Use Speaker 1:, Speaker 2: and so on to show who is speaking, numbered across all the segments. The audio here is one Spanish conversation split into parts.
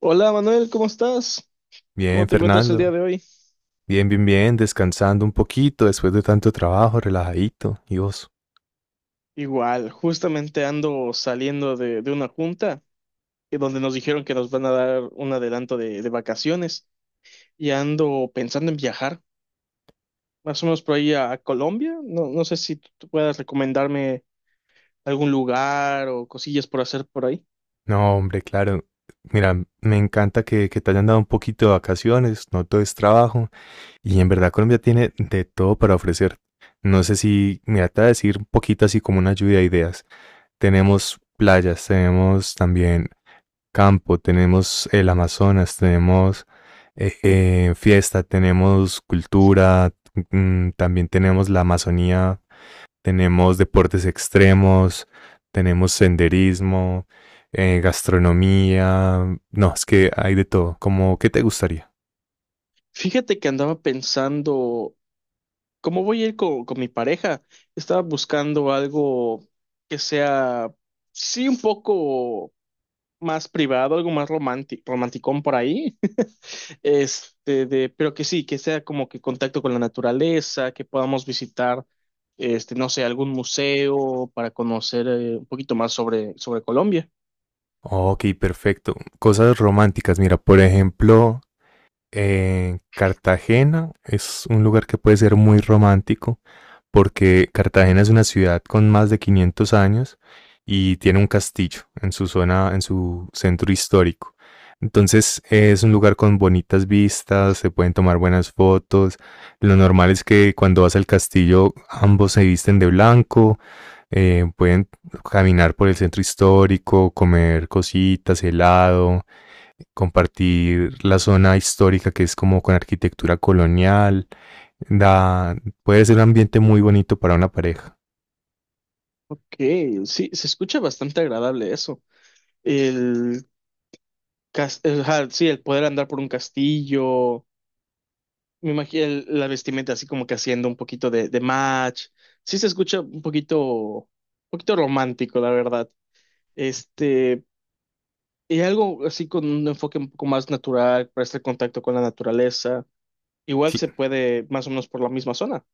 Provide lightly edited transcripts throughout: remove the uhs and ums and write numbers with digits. Speaker 1: Hola Manuel, ¿cómo estás?
Speaker 2: Bien,
Speaker 1: ¿Cómo te encuentras el día
Speaker 2: Fernando.
Speaker 1: de hoy?
Speaker 2: Bien, bien, bien, descansando un poquito después de tanto trabajo, relajadito. ¿Y vos?
Speaker 1: Igual, justamente ando saliendo de una junta, donde nos dijeron que nos van a dar un adelanto de vacaciones y ando pensando en viajar, más o menos por ahí a Colombia. No, no sé si tú puedas recomendarme algún lugar o cosillas por hacer por ahí.
Speaker 2: No, hombre, claro. Mira, me encanta que te hayan dado un poquito de vacaciones, no todo es trabajo. Y en verdad Colombia tiene de todo para ofrecer. No sé si, mira, te voy a decir un poquito así como una lluvia de ideas. Tenemos playas, tenemos también campo, tenemos el Amazonas, tenemos fiesta, tenemos cultura, mm, también tenemos la Amazonía, tenemos deportes extremos, tenemos senderismo, gastronomía, no, es que hay de todo. Como, ¿qué te gustaría?
Speaker 1: Fíjate que andaba pensando, ¿cómo voy a ir con mi pareja? Estaba buscando algo que sea, sí, un poco más privado, algo más romántico, romanticón por ahí, pero que sí, que sea como que contacto con la naturaleza, que podamos visitar, este, no sé, algún museo para conocer, un poquito más sobre Colombia.
Speaker 2: Ok, perfecto. Cosas románticas, mira, por ejemplo, Cartagena es un lugar que puede ser muy romántico porque Cartagena es una ciudad con más de 500 años y tiene un castillo en su zona, en su centro histórico. Entonces, es un lugar con bonitas vistas, se pueden tomar buenas fotos. Lo normal es que cuando vas al castillo ambos se visten de blanco, pueden caminar por el centro histórico, comer cositas, helado, compartir la zona histórica que es como con arquitectura colonial. Da, puede ser un ambiente muy bonito para una pareja.
Speaker 1: Ok, sí, se escucha bastante agradable eso. El, ajá, sí, el poder andar por un castillo. Me imagino la vestimenta así como que haciendo un poquito de match. Sí se escucha un poquito romántico, la verdad. Este, y algo así con un enfoque un poco más natural, para este contacto con la naturaleza. Igual
Speaker 2: Sí.
Speaker 1: se puede más o menos por la misma zona.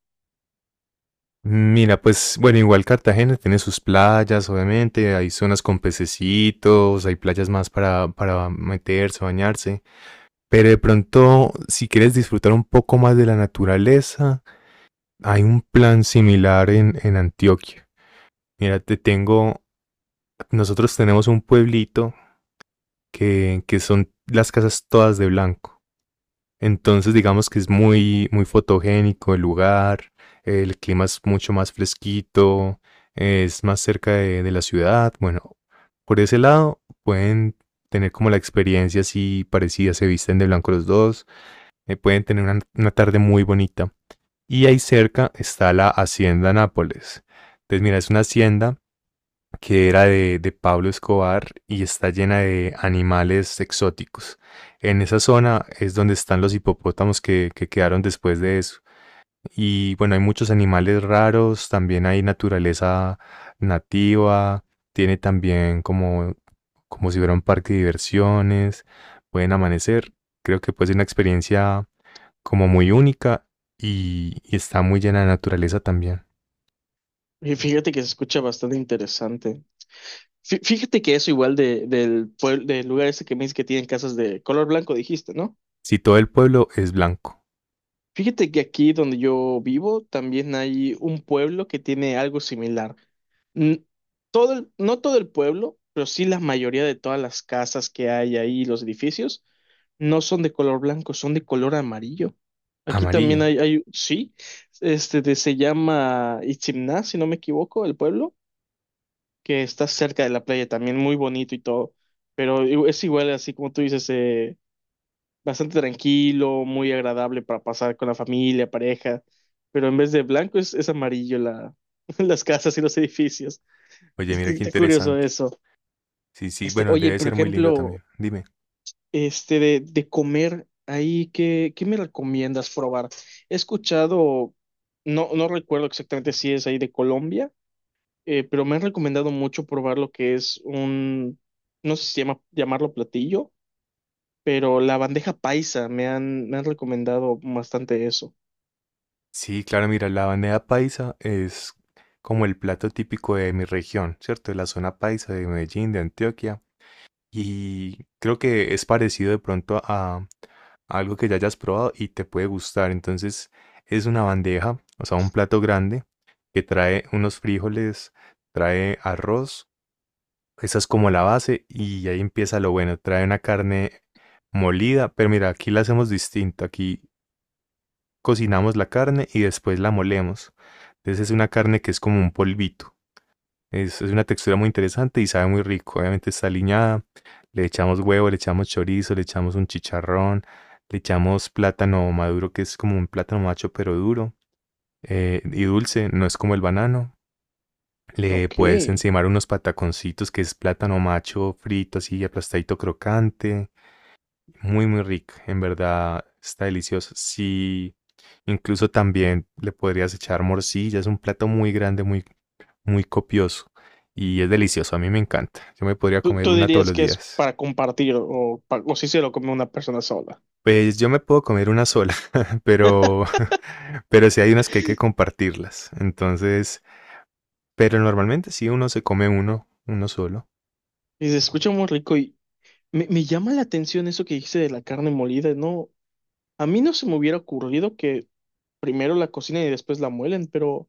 Speaker 2: Mira, pues bueno, igual Cartagena tiene sus playas, obviamente, hay zonas con pececitos, hay playas más para meterse, bañarse, pero de pronto, si quieres disfrutar un poco más de la naturaleza, hay un plan similar en Antioquia. Mira, te tengo, nosotros tenemos un pueblito que son las casas todas de blanco. Entonces digamos que es muy, muy fotogénico el lugar, el clima es mucho más fresquito, es más cerca de la ciudad. Bueno, por ese lado pueden tener como la experiencia así parecida, se visten de blanco los dos, pueden tener una tarde muy bonita. Y ahí cerca está la Hacienda Nápoles. Entonces mira, es una hacienda que era de Pablo Escobar y está llena de animales exóticos. En esa zona es donde están los hipopótamos que quedaron después de eso. Y bueno, hay muchos animales raros, también hay naturaleza nativa, tiene también como, como si fuera un parque de diversiones, pueden amanecer. Creo que puede ser una experiencia como muy única y está muy llena de naturaleza también.
Speaker 1: Y fíjate que se escucha bastante interesante. Fíjate que eso igual del lugar ese que me dices que tienen casas de color blanco, dijiste, ¿no?
Speaker 2: Si todo el pueblo es blanco,
Speaker 1: Fíjate que aquí donde yo vivo también hay un pueblo que tiene algo similar. N- no todo el pueblo, pero sí la mayoría de todas las casas que hay ahí, los edificios no son de color blanco, son de color amarillo. Aquí también
Speaker 2: amarillo.
Speaker 1: hay sí, se llama Itzimná, si no me equivoco, el pueblo, que está cerca de la playa también, muy bonito y todo. Pero es igual, así como tú dices, bastante tranquilo, muy agradable para pasar con la familia, pareja. Pero en vez de blanco es amarillo la, las casas y los edificios.
Speaker 2: Oye,
Speaker 1: Es
Speaker 2: mira
Speaker 1: que
Speaker 2: qué
Speaker 1: está curioso
Speaker 2: interesante.
Speaker 1: eso.
Speaker 2: Sí, sí,
Speaker 1: Este,
Speaker 2: bueno,
Speaker 1: oye,
Speaker 2: debe
Speaker 1: por
Speaker 2: ser muy lindo
Speaker 1: ejemplo,
Speaker 2: también. Dime.
Speaker 1: de comer ahí, ¿qué me recomiendas probar? He escuchado, no, no recuerdo exactamente si es ahí de Colombia, pero me han recomendado mucho probar lo que es un, no sé si llamarlo platillo, pero la bandeja paisa, me han recomendado bastante eso.
Speaker 2: Sí, claro, mira, la bandeja paisa es como el plato típico de mi región, ¿cierto? De la zona paisa de Medellín, de Antioquia. Y creo que es parecido de pronto a algo que ya hayas probado y te puede gustar. Entonces, es una bandeja, o sea, un plato grande que trae unos frijoles, trae arroz. Esa es como la base y ahí empieza lo bueno. Trae una carne molida, pero mira, aquí la hacemos distinto. Aquí cocinamos la carne y después la molemos. Entonces es una carne que es como un polvito. Es una textura muy interesante y sabe muy rico. Obviamente está aliñada. Le echamos huevo, le echamos chorizo, le echamos un chicharrón, le echamos plátano maduro, que es como un plátano macho pero duro y dulce, no es como el banano. Le
Speaker 1: Ok.
Speaker 2: puedes encimar unos pataconcitos, que es plátano macho frito, así aplastadito crocante. Muy, muy rica, en verdad está delicioso. Sí, incluso también le podrías echar morcilla, es un plato muy grande, muy, muy copioso y es delicioso, a mí me encanta. Yo me podría
Speaker 1: ¿Tú,
Speaker 2: comer
Speaker 1: tú
Speaker 2: una todos
Speaker 1: dirías
Speaker 2: los
Speaker 1: que es
Speaker 2: días.
Speaker 1: para compartir o, o si se lo come una persona sola?
Speaker 2: Pues yo me puedo comer una sola, pero, pero sí hay unas que hay que compartirlas. Entonces, pero normalmente sí uno se come uno solo.
Speaker 1: Y se escucha muy rico, y me llama la atención eso que dice de la carne molida, ¿no? A mí no se me hubiera ocurrido que primero la cocinen y después la muelen, pero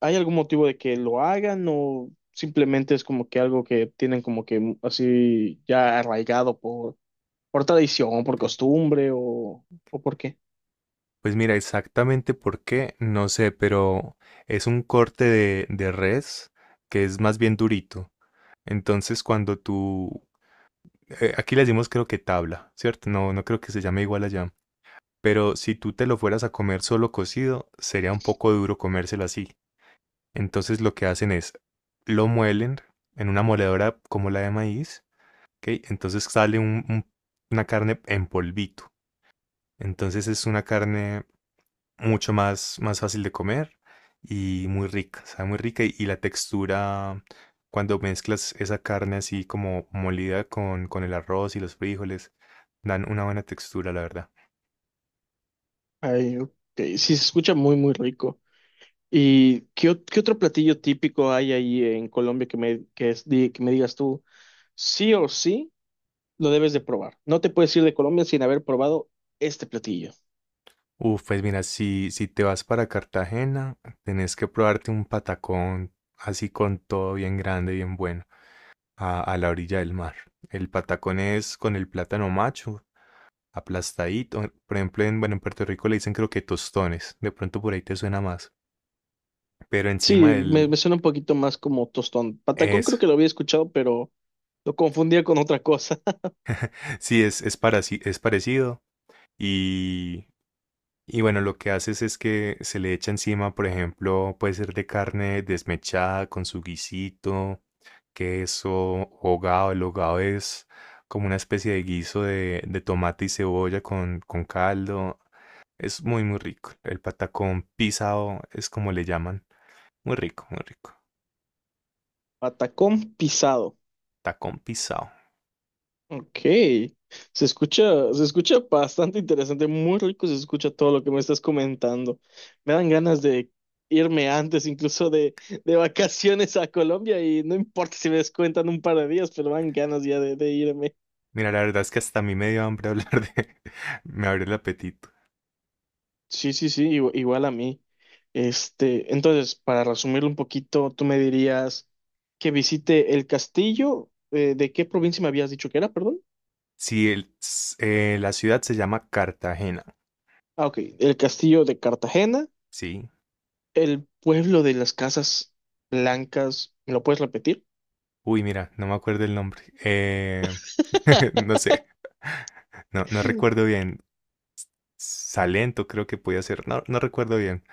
Speaker 1: ¿hay algún motivo de que lo hagan o simplemente es como que algo que tienen como que así ya arraigado por tradición, por costumbre o por qué?
Speaker 2: Pues mira, exactamente por qué, no sé, pero es un corte de res que es más bien durito. Entonces, cuando tú, aquí le decimos creo que tabla, ¿cierto? No, no creo que se llame igual allá. Pero si tú te lo fueras a comer solo cocido, sería un poco duro comérselo así. Entonces lo que hacen es, lo muelen en una moledora como la de maíz, ¿ok? Entonces sale una carne en polvito. Entonces es una carne mucho más, más fácil de comer y muy rica, sabe muy rica y la textura, cuando mezclas esa carne así como molida con el arroz y los frijoles, dan una buena textura, la verdad.
Speaker 1: Ay, ok, sí, se escucha muy, muy rico. ¿Y qué, qué otro platillo típico hay ahí en Colombia que me, que es- di- que me digas tú, sí o sí, lo debes de probar? No te puedes ir de Colombia sin haber probado este platillo.
Speaker 2: Uf, pues mira, si te vas para Cartagena, tenés que probarte un patacón así con todo bien grande, bien bueno, a la orilla del mar. El patacón es con el plátano macho, aplastadito. Por ejemplo, en, bueno, en Puerto Rico le dicen creo que tostones. De pronto por ahí te suena más, pero encima
Speaker 1: Sí,
Speaker 2: del...
Speaker 1: me suena un poquito más como tostón. Patacón creo
Speaker 2: Eso.
Speaker 1: que lo había escuchado, pero lo confundía con otra cosa.
Speaker 2: Sí, es parecido. Y, y bueno, lo que haces es que se le echa encima, por ejemplo, puede ser de carne desmechada con su guisito, queso, hogado. El hogado es como una especie de guiso de tomate y cebolla con caldo. Es muy, muy rico. El patacón pisado es como le llaman. Muy rico, muy rico.
Speaker 1: Patacón pisado.
Speaker 2: Tacón pisado.
Speaker 1: Ok. Se escucha bastante interesante, muy rico se escucha todo lo que me estás comentando. Me dan ganas de irme antes incluso de vacaciones a Colombia, y no importa si me descuentan un par de días, pero me dan ganas ya de irme.
Speaker 2: Mira, la verdad es que hasta a mí me dio hambre hablar de... Me abrió el apetito.
Speaker 1: Sí, sí, sí, igual a mí. Este, entonces, para resumirlo un poquito, tú me dirías que visite el castillo, ¿de qué provincia me habías dicho que era, perdón?
Speaker 2: Sí, el, la ciudad se llama Cartagena,
Speaker 1: Ah, ok, el castillo de Cartagena,
Speaker 2: ¿sí?
Speaker 1: el pueblo de las casas blancas, ¿me lo puedes repetir?
Speaker 2: Uy, mira, no me acuerdo el nombre. No sé, no, no recuerdo bien. Salento creo que podía ser, no, no recuerdo bien.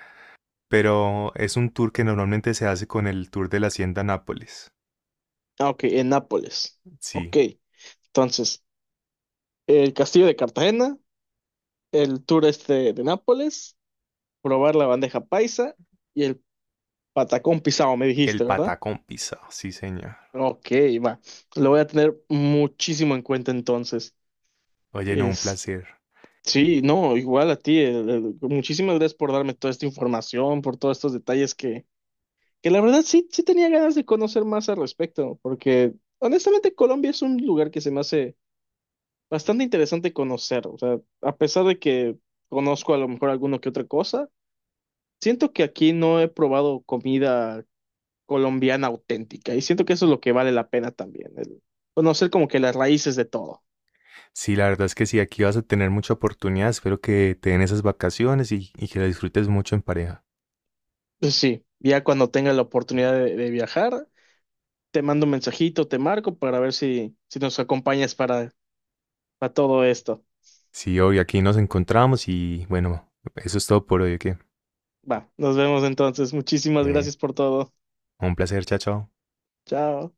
Speaker 2: Pero es un tour que normalmente se hace con el tour de la Hacienda Nápoles,
Speaker 1: Ah, ok, en Nápoles. Ok,
Speaker 2: sí.
Speaker 1: entonces, el castillo de Cartagena, el tour este de Nápoles, probar la bandeja paisa y el patacón pisado, me
Speaker 2: Y el
Speaker 1: dijiste, ¿verdad?
Speaker 2: Patacón Pisa, sí, señor.
Speaker 1: Ok, va. Lo voy a tener muchísimo en cuenta entonces.
Speaker 2: Oye, no, un
Speaker 1: Es,
Speaker 2: placer.
Speaker 1: sí, no, igual a ti. Muchísimas gracias por darme toda esta información, por todos estos detalles que la verdad sí, sí tenía ganas de conocer más al respecto, porque honestamente Colombia es un lugar que se me hace bastante interesante conocer. O sea, a pesar de que conozco a lo mejor alguno que otra cosa, siento que aquí no he probado comida colombiana auténtica, y siento que eso es lo que vale la pena también, el conocer como que las raíces de todo.
Speaker 2: Sí, la verdad es que sí, aquí vas a tener mucha oportunidad. Espero que te den esas vacaciones y que la disfrutes mucho en pareja.
Speaker 1: Pues sí, ya cuando tenga la oportunidad de viajar, te mando un mensajito, te marco para ver si, si nos acompañas para todo esto.
Speaker 2: Sí, hoy aquí nos encontramos y bueno, eso es todo por hoy, que
Speaker 1: Va, nos vemos entonces. Muchísimas gracias por todo.
Speaker 2: un placer, chao, chao.
Speaker 1: Chao.